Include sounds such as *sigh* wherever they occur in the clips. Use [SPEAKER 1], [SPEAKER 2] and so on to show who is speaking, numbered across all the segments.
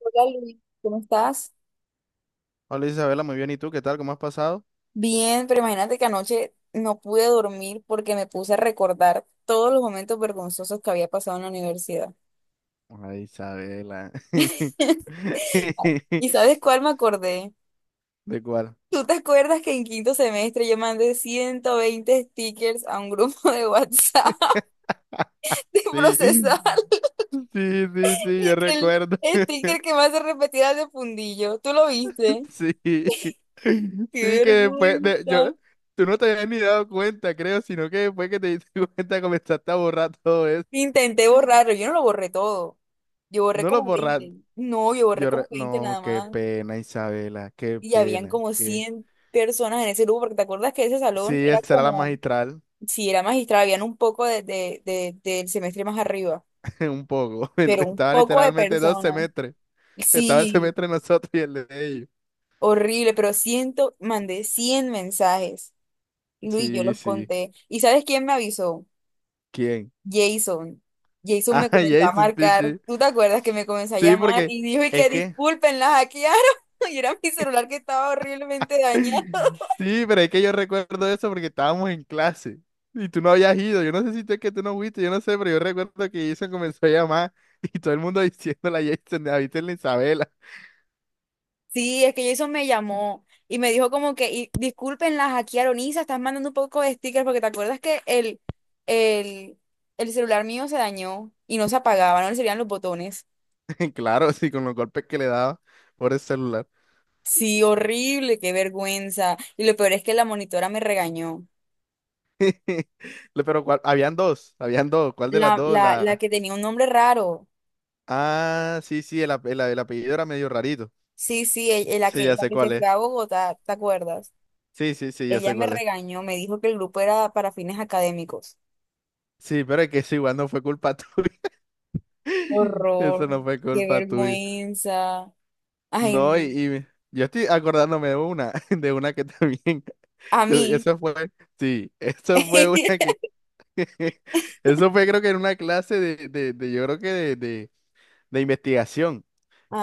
[SPEAKER 1] Hola Luis, ¿cómo estás?
[SPEAKER 2] Hola Isabela, muy bien. ¿Y tú qué tal? ¿Cómo has pasado?
[SPEAKER 1] Bien, pero imagínate que anoche no pude dormir porque me puse a recordar todos los momentos vergonzosos que había pasado en la universidad.
[SPEAKER 2] Ay, Isabela. *laughs*
[SPEAKER 1] *laughs* ¿Y sabes cuál me acordé?
[SPEAKER 2] ¿De cuál?
[SPEAKER 1] ¿Tú te acuerdas que en quinto semestre yo mandé 120 stickers a un grupo de WhatsApp
[SPEAKER 2] *laughs*
[SPEAKER 1] *laughs* de
[SPEAKER 2] Sí,
[SPEAKER 1] procesar
[SPEAKER 2] sí, sí, sí, yo
[SPEAKER 1] y que el
[SPEAKER 2] recuerdo. *laughs*
[SPEAKER 1] sticker que más se repetía era el de fundillo? ¿Tú lo viste?
[SPEAKER 2] Sí, sí,
[SPEAKER 1] ¡Qué
[SPEAKER 2] que después de,
[SPEAKER 1] vergüenza!
[SPEAKER 2] yo, tú no te habías ni dado cuenta, creo, sino que después que te diste *laughs* cuenta comenzaste a borrar todo eso.
[SPEAKER 1] Intenté borrarlo, yo no lo borré todo. Yo borré
[SPEAKER 2] No lo
[SPEAKER 1] como 20.
[SPEAKER 2] borraste.
[SPEAKER 1] No, yo borré
[SPEAKER 2] Yo,
[SPEAKER 1] como 20
[SPEAKER 2] no,
[SPEAKER 1] nada
[SPEAKER 2] qué
[SPEAKER 1] más.
[SPEAKER 2] pena, Isabela, qué
[SPEAKER 1] Y habían
[SPEAKER 2] pena.
[SPEAKER 1] como 100 personas en ese grupo, porque te acuerdas que ese
[SPEAKER 2] Sí,
[SPEAKER 1] salón era
[SPEAKER 2] esa era la
[SPEAKER 1] como,
[SPEAKER 2] magistral.
[SPEAKER 1] si era magistral, habían un poco de, del semestre más arriba,
[SPEAKER 2] *laughs* Un poco. *laughs*
[SPEAKER 1] pero un
[SPEAKER 2] Estaba
[SPEAKER 1] poco de
[SPEAKER 2] literalmente dos
[SPEAKER 1] personas.
[SPEAKER 2] semestres. Estaba el
[SPEAKER 1] Sí,
[SPEAKER 2] semestre de nosotros y el de ellos.
[SPEAKER 1] horrible, pero mandé 100 mensajes. Luis, yo
[SPEAKER 2] Sí,
[SPEAKER 1] los
[SPEAKER 2] sí.
[SPEAKER 1] conté. ¿Y sabes quién me avisó?
[SPEAKER 2] ¿Quién?
[SPEAKER 1] Jason. Jason
[SPEAKER 2] Ah,
[SPEAKER 1] me
[SPEAKER 2] *laughs*
[SPEAKER 1] comenzó a
[SPEAKER 2] Jason, sí,
[SPEAKER 1] marcar.
[SPEAKER 2] sí.
[SPEAKER 1] ¿Tú te acuerdas que me comenzó a
[SPEAKER 2] Sí,
[SPEAKER 1] llamar
[SPEAKER 2] porque
[SPEAKER 1] y dijo y
[SPEAKER 2] es
[SPEAKER 1] que
[SPEAKER 2] que...
[SPEAKER 1] disculpen, la hackearon? *laughs* Y era mi celular que estaba horriblemente dañado.
[SPEAKER 2] *laughs* Sí, pero es que yo recuerdo eso porque estábamos en clase y tú no habías ido. Yo no sé si tú es que tú no fuiste, yo no sé, pero yo recuerdo que Jason comenzó a llamar *laughs* y todo el mundo *laughs* diciéndole a Jason, ¿has visto en la Isabela?
[SPEAKER 1] Sí, es que Jason me llamó y me dijo como que y, disculpen, la hackearon. Isa, estás mandando un poco de stickers porque te acuerdas que el, el celular mío se dañó y no se apagaba, no le servían los botones.
[SPEAKER 2] *laughs* Claro, sí, con los golpes que le daba por el celular.
[SPEAKER 1] Sí, horrible, qué vergüenza. Y lo peor es que la monitora me regañó.
[SPEAKER 2] *laughs* Pero ¿cuál? Habían dos, habían dos. ¿Cuál de las
[SPEAKER 1] La,
[SPEAKER 2] dos?
[SPEAKER 1] la, la que tenía un nombre raro.
[SPEAKER 2] Ah, sí, sí, el apellido era medio rarito.
[SPEAKER 1] Sí, sí,
[SPEAKER 2] Sí, ya
[SPEAKER 1] la
[SPEAKER 2] sé
[SPEAKER 1] que se
[SPEAKER 2] cuál
[SPEAKER 1] fue
[SPEAKER 2] es.
[SPEAKER 1] a Bogotá, ¿te acuerdas?
[SPEAKER 2] Sí, sí, sí, ya
[SPEAKER 1] Ella
[SPEAKER 2] sé
[SPEAKER 1] me
[SPEAKER 2] cuál es.
[SPEAKER 1] regañó, me dijo que el grupo era para fines académicos.
[SPEAKER 2] Sí, pero es que eso igual no fue culpa tuya. *laughs*
[SPEAKER 1] Horror,
[SPEAKER 2] Eso no fue
[SPEAKER 1] qué
[SPEAKER 2] culpa tuya.
[SPEAKER 1] vergüenza. Ay,
[SPEAKER 2] No,
[SPEAKER 1] no.
[SPEAKER 2] yo estoy acordándome de una, *laughs* de una que también.
[SPEAKER 1] A
[SPEAKER 2] *laughs*
[SPEAKER 1] mí.
[SPEAKER 2] Eso fue, sí, eso fue una que.
[SPEAKER 1] *laughs*
[SPEAKER 2] *laughs* Eso fue, creo que en una clase yo creo que de investigación.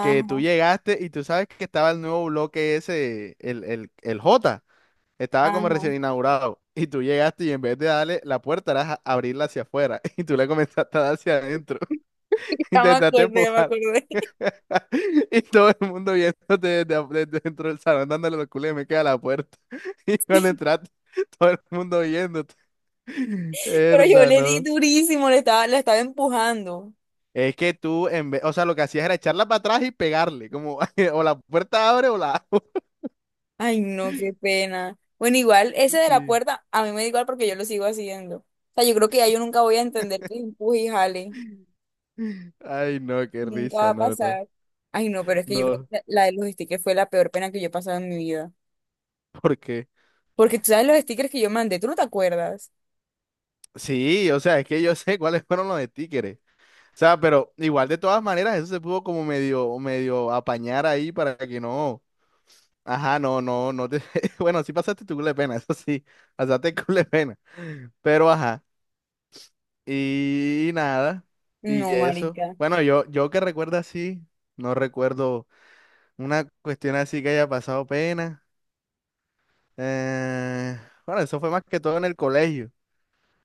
[SPEAKER 2] Que tú llegaste y tú sabes que estaba el nuevo bloque ese, el J. Estaba como
[SPEAKER 1] ajá.
[SPEAKER 2] recién inaugurado y tú llegaste y en vez de darle la puerta, era abrirla hacia afuera *laughs* y tú le comenzaste a dar hacia adentro. *laughs*
[SPEAKER 1] Ya me
[SPEAKER 2] Intentaste
[SPEAKER 1] acordé, ya me
[SPEAKER 2] empujar
[SPEAKER 1] acordé.
[SPEAKER 2] *laughs* y todo el mundo viéndote desde dentro del salón dándole los culos y me queda la puerta. *laughs* Y cuando entraste, todo el mundo viéndote. *laughs*
[SPEAKER 1] *laughs* Pero yo
[SPEAKER 2] Herda,
[SPEAKER 1] le di
[SPEAKER 2] no.
[SPEAKER 1] durísimo, le estaba, la estaba empujando.
[SPEAKER 2] Es que tú, en vez, o sea, lo que hacías era echarla para atrás y pegarle, como *laughs* o la puerta abre o la... *laughs*
[SPEAKER 1] Ay, no, qué pena. Bueno, igual, ese de la
[SPEAKER 2] Sí.
[SPEAKER 1] puerta, a mí me da igual porque yo lo sigo haciendo. O sea, yo creo que ya yo nunca voy a entender que empuje y jale.
[SPEAKER 2] Ay, no, qué
[SPEAKER 1] Nunca va
[SPEAKER 2] risa,
[SPEAKER 1] a
[SPEAKER 2] no, no,
[SPEAKER 1] pasar. Ay, no, pero es que yo creo
[SPEAKER 2] no,
[SPEAKER 1] que la de los stickers fue la peor pena que yo he pasado en mi vida.
[SPEAKER 2] ¿por qué?
[SPEAKER 1] Porque tú sabes los stickers que yo mandé, ¿tú no te acuerdas?
[SPEAKER 2] Sí, o sea, es que yo *laughs* sé cuáles fueron los de títeres. O sea, pero igual de todas maneras, eso se pudo como medio, medio apañar ahí para que no. Ajá, no, no, no te. *laughs* Bueno, sí pasaste tu culo de pena, *laughs* eso sí, pasaste culo de pena. Pero ajá, y, nada, y
[SPEAKER 1] No,
[SPEAKER 2] eso.
[SPEAKER 1] marica.
[SPEAKER 2] Bueno, yo que recuerdo así, no recuerdo una cuestión así que haya pasado pena. Eh, bueno, eso fue más que todo en el colegio.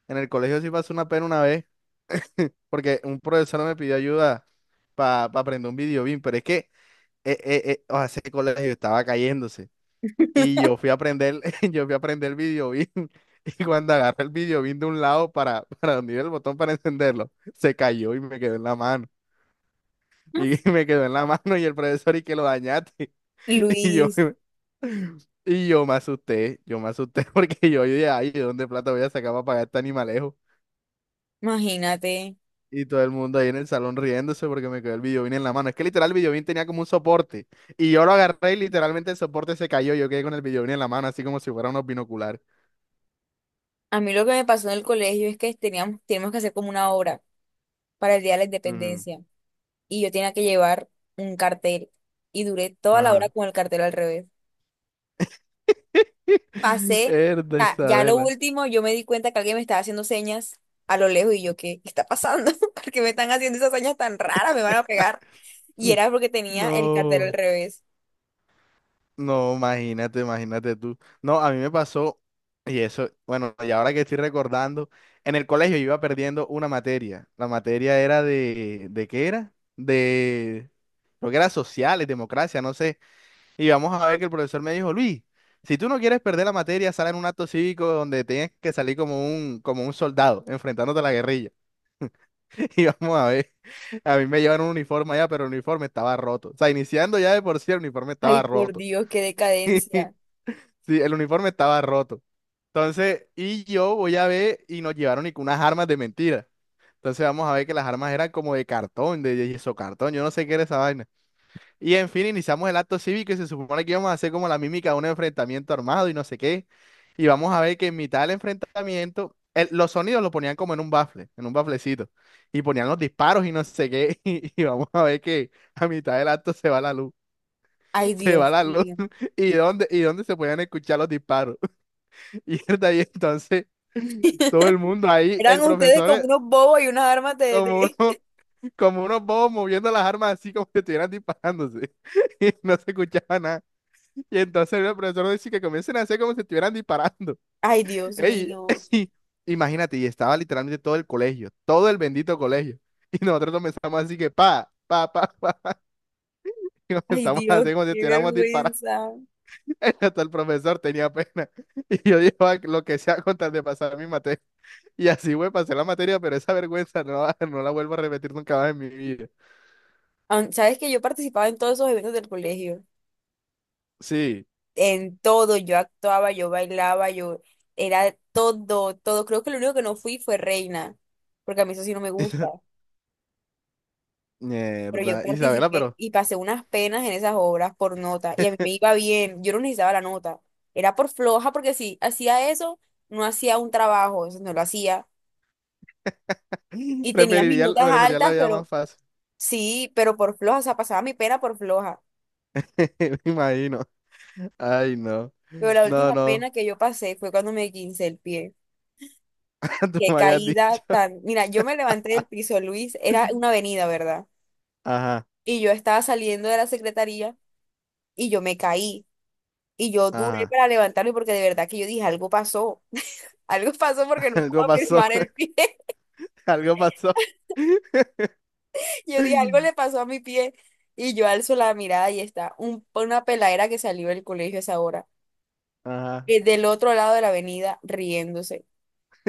[SPEAKER 2] En el colegio sí pasó una pena una vez, porque un profesor me pidió ayuda para aprender un video BIM, pero es que o sea, ese colegio estaba cayéndose y yo fui a aprender, *laughs* yo fui a aprender el video BIM *laughs* y cuando agarré el video BIM de un lado para, *laughs* para donde iba el botón para encenderlo, se cayó y me quedó en la mano. Y *laughs* me quedó en la mano y el profesor y que lo dañaste. *laughs* Y yo,
[SPEAKER 1] Luis,
[SPEAKER 2] y yo me asusté *laughs* porque yo dije, ay, ¿de dónde plata voy a sacar para pagar este animalejo?
[SPEAKER 1] imagínate.
[SPEAKER 2] Y todo el mundo ahí en el salón riéndose porque me quedó el videobeam en la mano. Es que literal el videobeam tenía como un soporte. Y yo lo agarré y literalmente el soporte se cayó. Yo quedé con el videobeam en la mano, así como si fuera unos binoculares.
[SPEAKER 1] A mí lo que me pasó en el colegio es que teníamos que hacer como una obra para el Día de la
[SPEAKER 2] Ujú.
[SPEAKER 1] Independencia. Y yo tenía que llevar un cartel. Y duré toda la hora
[SPEAKER 2] Ajá.
[SPEAKER 1] con el cartel al revés.
[SPEAKER 2] *laughs*
[SPEAKER 1] Pasé,
[SPEAKER 2] Herda
[SPEAKER 1] ya, ya lo
[SPEAKER 2] Isabela.
[SPEAKER 1] último, yo me di cuenta que alguien me estaba haciendo señas a lo lejos y yo, ¿qué está pasando? *laughs* ¿Por qué me están haciendo esas señas tan raras? Me van a pegar. Y era porque tenía el cartel al
[SPEAKER 2] No.
[SPEAKER 1] revés.
[SPEAKER 2] No, imagínate, imagínate tú. No, a mí me pasó, y eso, bueno, y ahora que estoy recordando, en el colegio yo iba perdiendo una materia. La materia era ¿de qué era? Creo que era sociales, democracia, no sé. Y vamos a ver que el profesor me dijo, Luis, si tú no quieres perder la materia, sal en un acto cívico donde tienes que salir como un soldado, enfrentándote a la guerrilla. *laughs* Y vamos a ver. A mí me llevan un uniforme allá, pero el uniforme estaba roto. O sea, iniciando ya de por sí, el uniforme
[SPEAKER 1] Ay,
[SPEAKER 2] estaba
[SPEAKER 1] por
[SPEAKER 2] roto.
[SPEAKER 1] Dios, qué decadencia.
[SPEAKER 2] *laughs* Sí, el uniforme estaba roto. Entonces, y yo voy a ver, y nos llevaron y con unas armas de mentira. Entonces vamos a ver que las armas eran como de cartón, de yeso cartón, yo no sé qué era esa vaina. Y en fin, iniciamos el acto cívico y se supone que íbamos a hacer como la mímica de un enfrentamiento armado y no sé qué. Y vamos a ver que en mitad del enfrentamiento, los sonidos lo ponían como en un bafle, en un baflecito. Y ponían los disparos y no sé qué. *laughs* Y vamos a ver que a mitad del acto se va la luz.
[SPEAKER 1] Ay,
[SPEAKER 2] *laughs* Se va
[SPEAKER 1] Dios
[SPEAKER 2] la luz.
[SPEAKER 1] mío.
[SPEAKER 2] *laughs* ¿Y dónde se podían escuchar los disparos? *laughs* Y ahí entonces, todo el mundo ahí,
[SPEAKER 1] Eran
[SPEAKER 2] el
[SPEAKER 1] ustedes
[SPEAKER 2] profesor
[SPEAKER 1] como unos bobos y unas armas de...
[SPEAKER 2] como
[SPEAKER 1] de-
[SPEAKER 2] uno, como unos bobos moviendo las armas así como que estuvieran disparándose. *laughs* Y no se escuchaba nada. Y entonces el profesor dice que comiencen a hacer como si estuvieran disparando.
[SPEAKER 1] *laughs* Ay, Dios
[SPEAKER 2] Ey,
[SPEAKER 1] mío.
[SPEAKER 2] *laughs* y imagínate, y estaba literalmente todo el colegio, todo el bendito colegio. Y nosotros comenzamos así que pa, pa, pa, pa. *laughs* Y
[SPEAKER 1] Ay,
[SPEAKER 2] comenzamos a
[SPEAKER 1] Dios,
[SPEAKER 2] hacer como si
[SPEAKER 1] qué
[SPEAKER 2] estuviéramos disparando.
[SPEAKER 1] vergüenza.
[SPEAKER 2] *laughs* Hasta el profesor tenía pena. Y yo digo: "Ah, lo que sea con tal de pasar mi materia". Y así, güey, pasé la materia, pero esa vergüenza no, *laughs* no la vuelvo a repetir nunca más en mi vida.
[SPEAKER 1] Sabes que yo participaba en todos esos eventos del colegio.
[SPEAKER 2] Sí.
[SPEAKER 1] En todo, yo actuaba, yo bailaba, yo era todo, todo. Creo que lo único que no fui fue reina, porque a mí eso sí no me gusta.
[SPEAKER 2] *laughs*
[SPEAKER 1] Pero yo
[SPEAKER 2] Mierda. Isabela,
[SPEAKER 1] participé
[SPEAKER 2] pero
[SPEAKER 1] y pasé unas penas en esas obras por nota, y a mí me iba bien, yo no necesitaba la nota. Era por floja, porque si hacía eso, no hacía un trabajo, eso no lo hacía.
[SPEAKER 2] *laughs*
[SPEAKER 1] Y tenía mis notas
[SPEAKER 2] preferiría la
[SPEAKER 1] altas,
[SPEAKER 2] vida
[SPEAKER 1] pero
[SPEAKER 2] más fácil.
[SPEAKER 1] sí, pero por floja, o sea, pasaba mi pena por floja.
[SPEAKER 2] *laughs* Me imagino. Ay, no.
[SPEAKER 1] Pero la
[SPEAKER 2] No,
[SPEAKER 1] última
[SPEAKER 2] no.
[SPEAKER 1] pena que yo pasé fue cuando me quince el pie.
[SPEAKER 2] *laughs* Tú
[SPEAKER 1] Qué
[SPEAKER 2] me habías
[SPEAKER 1] caída
[SPEAKER 2] dicho.
[SPEAKER 1] tan. Mira, yo me levanté del piso, Luis, era una avenida, ¿verdad?
[SPEAKER 2] Ajá,
[SPEAKER 1] Y yo estaba saliendo de la secretaría y yo me caí. Y yo duré
[SPEAKER 2] ajá.
[SPEAKER 1] para levantarme porque de verdad que yo dije, algo pasó. *laughs* Algo pasó porque
[SPEAKER 2] *laughs*
[SPEAKER 1] no
[SPEAKER 2] Algo
[SPEAKER 1] puedo
[SPEAKER 2] pasó,
[SPEAKER 1] firmar el pie. *laughs*
[SPEAKER 2] *laughs* algo pasó.
[SPEAKER 1] Yo dije, algo le
[SPEAKER 2] *laughs*
[SPEAKER 1] pasó a mi pie. Y yo alzo la mirada y está una peladera que salió del colegio a esa hora,
[SPEAKER 2] Ajá.
[SPEAKER 1] del otro lado de la avenida, riéndose.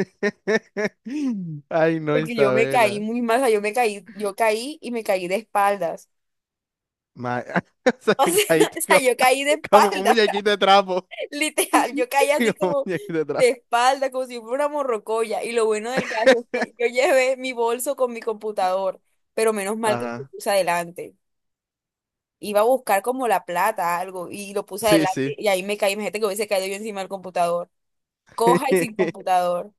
[SPEAKER 2] *laughs* Ay, no,
[SPEAKER 1] Porque yo me caí
[SPEAKER 2] Isabela.
[SPEAKER 1] muy mal, o sea, yo me caí, yo caí y me caí de espaldas. *laughs*
[SPEAKER 2] Ma- *laughs* Se
[SPEAKER 1] O
[SPEAKER 2] me
[SPEAKER 1] sea, *laughs*
[SPEAKER 2] caíste
[SPEAKER 1] o sea,
[SPEAKER 2] como,
[SPEAKER 1] yo caí de
[SPEAKER 2] como un
[SPEAKER 1] espaldas.
[SPEAKER 2] muñequito de trapo.
[SPEAKER 1] *laughs* Literal, yo caí así
[SPEAKER 2] *laughs* Como un
[SPEAKER 1] como
[SPEAKER 2] muñequito de
[SPEAKER 1] de
[SPEAKER 2] trapo.
[SPEAKER 1] espalda, como si fuera una morrocoya. Y lo bueno del caso es que yo llevé mi bolso con mi computador, pero menos mal que lo
[SPEAKER 2] Ajá.
[SPEAKER 1] puse adelante. Iba a buscar como la plata, algo, y lo puse
[SPEAKER 2] Sí,
[SPEAKER 1] adelante
[SPEAKER 2] sí.
[SPEAKER 1] y ahí me caí. Imagínate que hubiese caído yo encima del computador. Coja y sin
[SPEAKER 2] *laughs*
[SPEAKER 1] computador.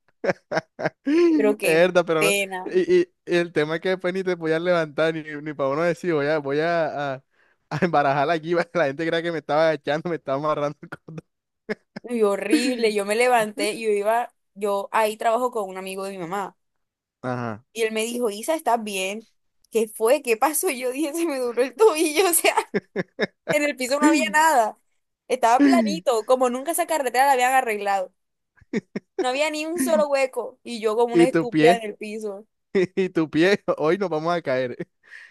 [SPEAKER 2] Es
[SPEAKER 1] Pero qué
[SPEAKER 2] verdad, pero no.
[SPEAKER 1] pena.
[SPEAKER 2] Y el tema es que después ni te voy a levantar, ni, ni para uno decir, a embarajarla aquí, *laughs* para que la gente crea que me estaba echando, me estaba amarrando. *laughs*
[SPEAKER 1] Y horrible. Yo me levanté y yo iba, yo ahí trabajo con un amigo de mi mamá.
[SPEAKER 2] Ajá.
[SPEAKER 1] Y él me dijo, Isa, ¿estás bien? ¿Qué fue? ¿Qué pasó? Y yo dije, se me duró el tobillo, *laughs* o sea. En el piso no había
[SPEAKER 2] *laughs*
[SPEAKER 1] nada. Estaba planito, como nunca esa carretera la habían arreglado. No había ni un solo hueco y yo como una
[SPEAKER 2] Y tu
[SPEAKER 1] estúpida en
[SPEAKER 2] pie,
[SPEAKER 1] el piso,
[SPEAKER 2] *laughs* y tu pie, hoy nos vamos a caer.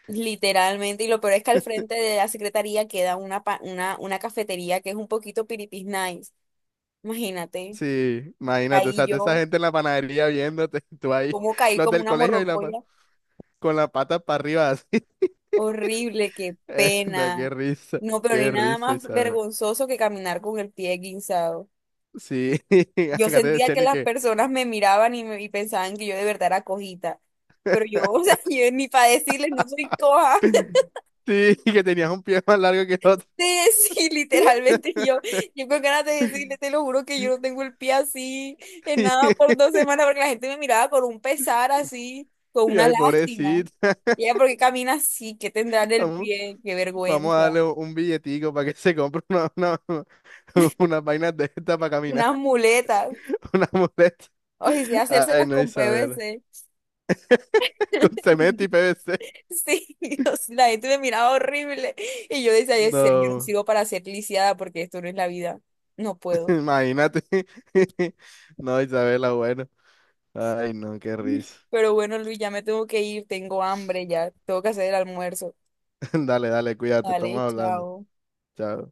[SPEAKER 1] literalmente. Y lo peor es que al frente de la secretaría queda una cafetería que es un poquito piripis nice. Imagínate,
[SPEAKER 2] Sí, imagínate, o
[SPEAKER 1] caí
[SPEAKER 2] sea, toda esa
[SPEAKER 1] yo,
[SPEAKER 2] gente en la panadería viéndote, *laughs* tú ahí,
[SPEAKER 1] como caí
[SPEAKER 2] los
[SPEAKER 1] como
[SPEAKER 2] del
[SPEAKER 1] una
[SPEAKER 2] colegio
[SPEAKER 1] morrocoya.
[SPEAKER 2] con las patas para arriba así. *laughs*
[SPEAKER 1] Horrible, qué
[SPEAKER 2] Da,
[SPEAKER 1] pena. No, pero no hay
[SPEAKER 2] qué
[SPEAKER 1] nada
[SPEAKER 2] risa,
[SPEAKER 1] más
[SPEAKER 2] Isabel.
[SPEAKER 1] vergonzoso que caminar con el pie guinzado.
[SPEAKER 2] Sí, *laughs*
[SPEAKER 1] Yo
[SPEAKER 2] acá te
[SPEAKER 1] sentía
[SPEAKER 2] decían
[SPEAKER 1] que
[SPEAKER 2] y
[SPEAKER 1] las
[SPEAKER 2] que,
[SPEAKER 1] personas me miraban y, y pensaban que yo de verdad era cojita. Pero yo, o sea, *laughs* yo ni para decirles, no soy coja. *laughs*
[SPEAKER 2] *laughs* sí, que tenías un pie más largo que el otro.
[SPEAKER 1] De sí, literalmente yo, con ganas de decirles,
[SPEAKER 2] *laughs*
[SPEAKER 1] te lo juro que yo no tengo el pie así, en nada por
[SPEAKER 2] Y,
[SPEAKER 1] 2 semanas, porque la gente me miraba con un pesar así, con
[SPEAKER 2] y
[SPEAKER 1] una
[SPEAKER 2] ay,
[SPEAKER 1] lástima.
[SPEAKER 2] pobrecita,
[SPEAKER 1] Y ella, ¿por qué camina así? ¿Qué tendrá en el
[SPEAKER 2] vamos,
[SPEAKER 1] pie? ¡Qué
[SPEAKER 2] vamos a
[SPEAKER 1] vergüenza!
[SPEAKER 2] darle un billetico para que se compre *laughs* unas vainas de esta para caminar.
[SPEAKER 1] Unas muletas.
[SPEAKER 2] *laughs* Una muleta.
[SPEAKER 1] O si sea,
[SPEAKER 2] Ay,
[SPEAKER 1] hacérselas
[SPEAKER 2] no,
[SPEAKER 1] con
[SPEAKER 2] Isabela.
[SPEAKER 1] PVC.
[SPEAKER 2] Con cemento y PVC.
[SPEAKER 1] Sí, *laughs* o sea, la gente me miraba horrible y yo decía, "Ay, ser, yo no
[SPEAKER 2] No,
[SPEAKER 1] sirvo para ser lisiada porque esto no es la vida, no
[SPEAKER 2] *laughs*
[SPEAKER 1] puedo".
[SPEAKER 2] imagínate. *laughs* No, Isabela, bueno. Ay, no, qué risa.
[SPEAKER 1] Pero bueno, Luis, ya me tengo que ir, tengo hambre, ya tengo que hacer el almuerzo.
[SPEAKER 2] *laughs* Dale, dale, cuídate, estamos
[SPEAKER 1] Dale,
[SPEAKER 2] hablando.
[SPEAKER 1] chao.
[SPEAKER 2] Chao.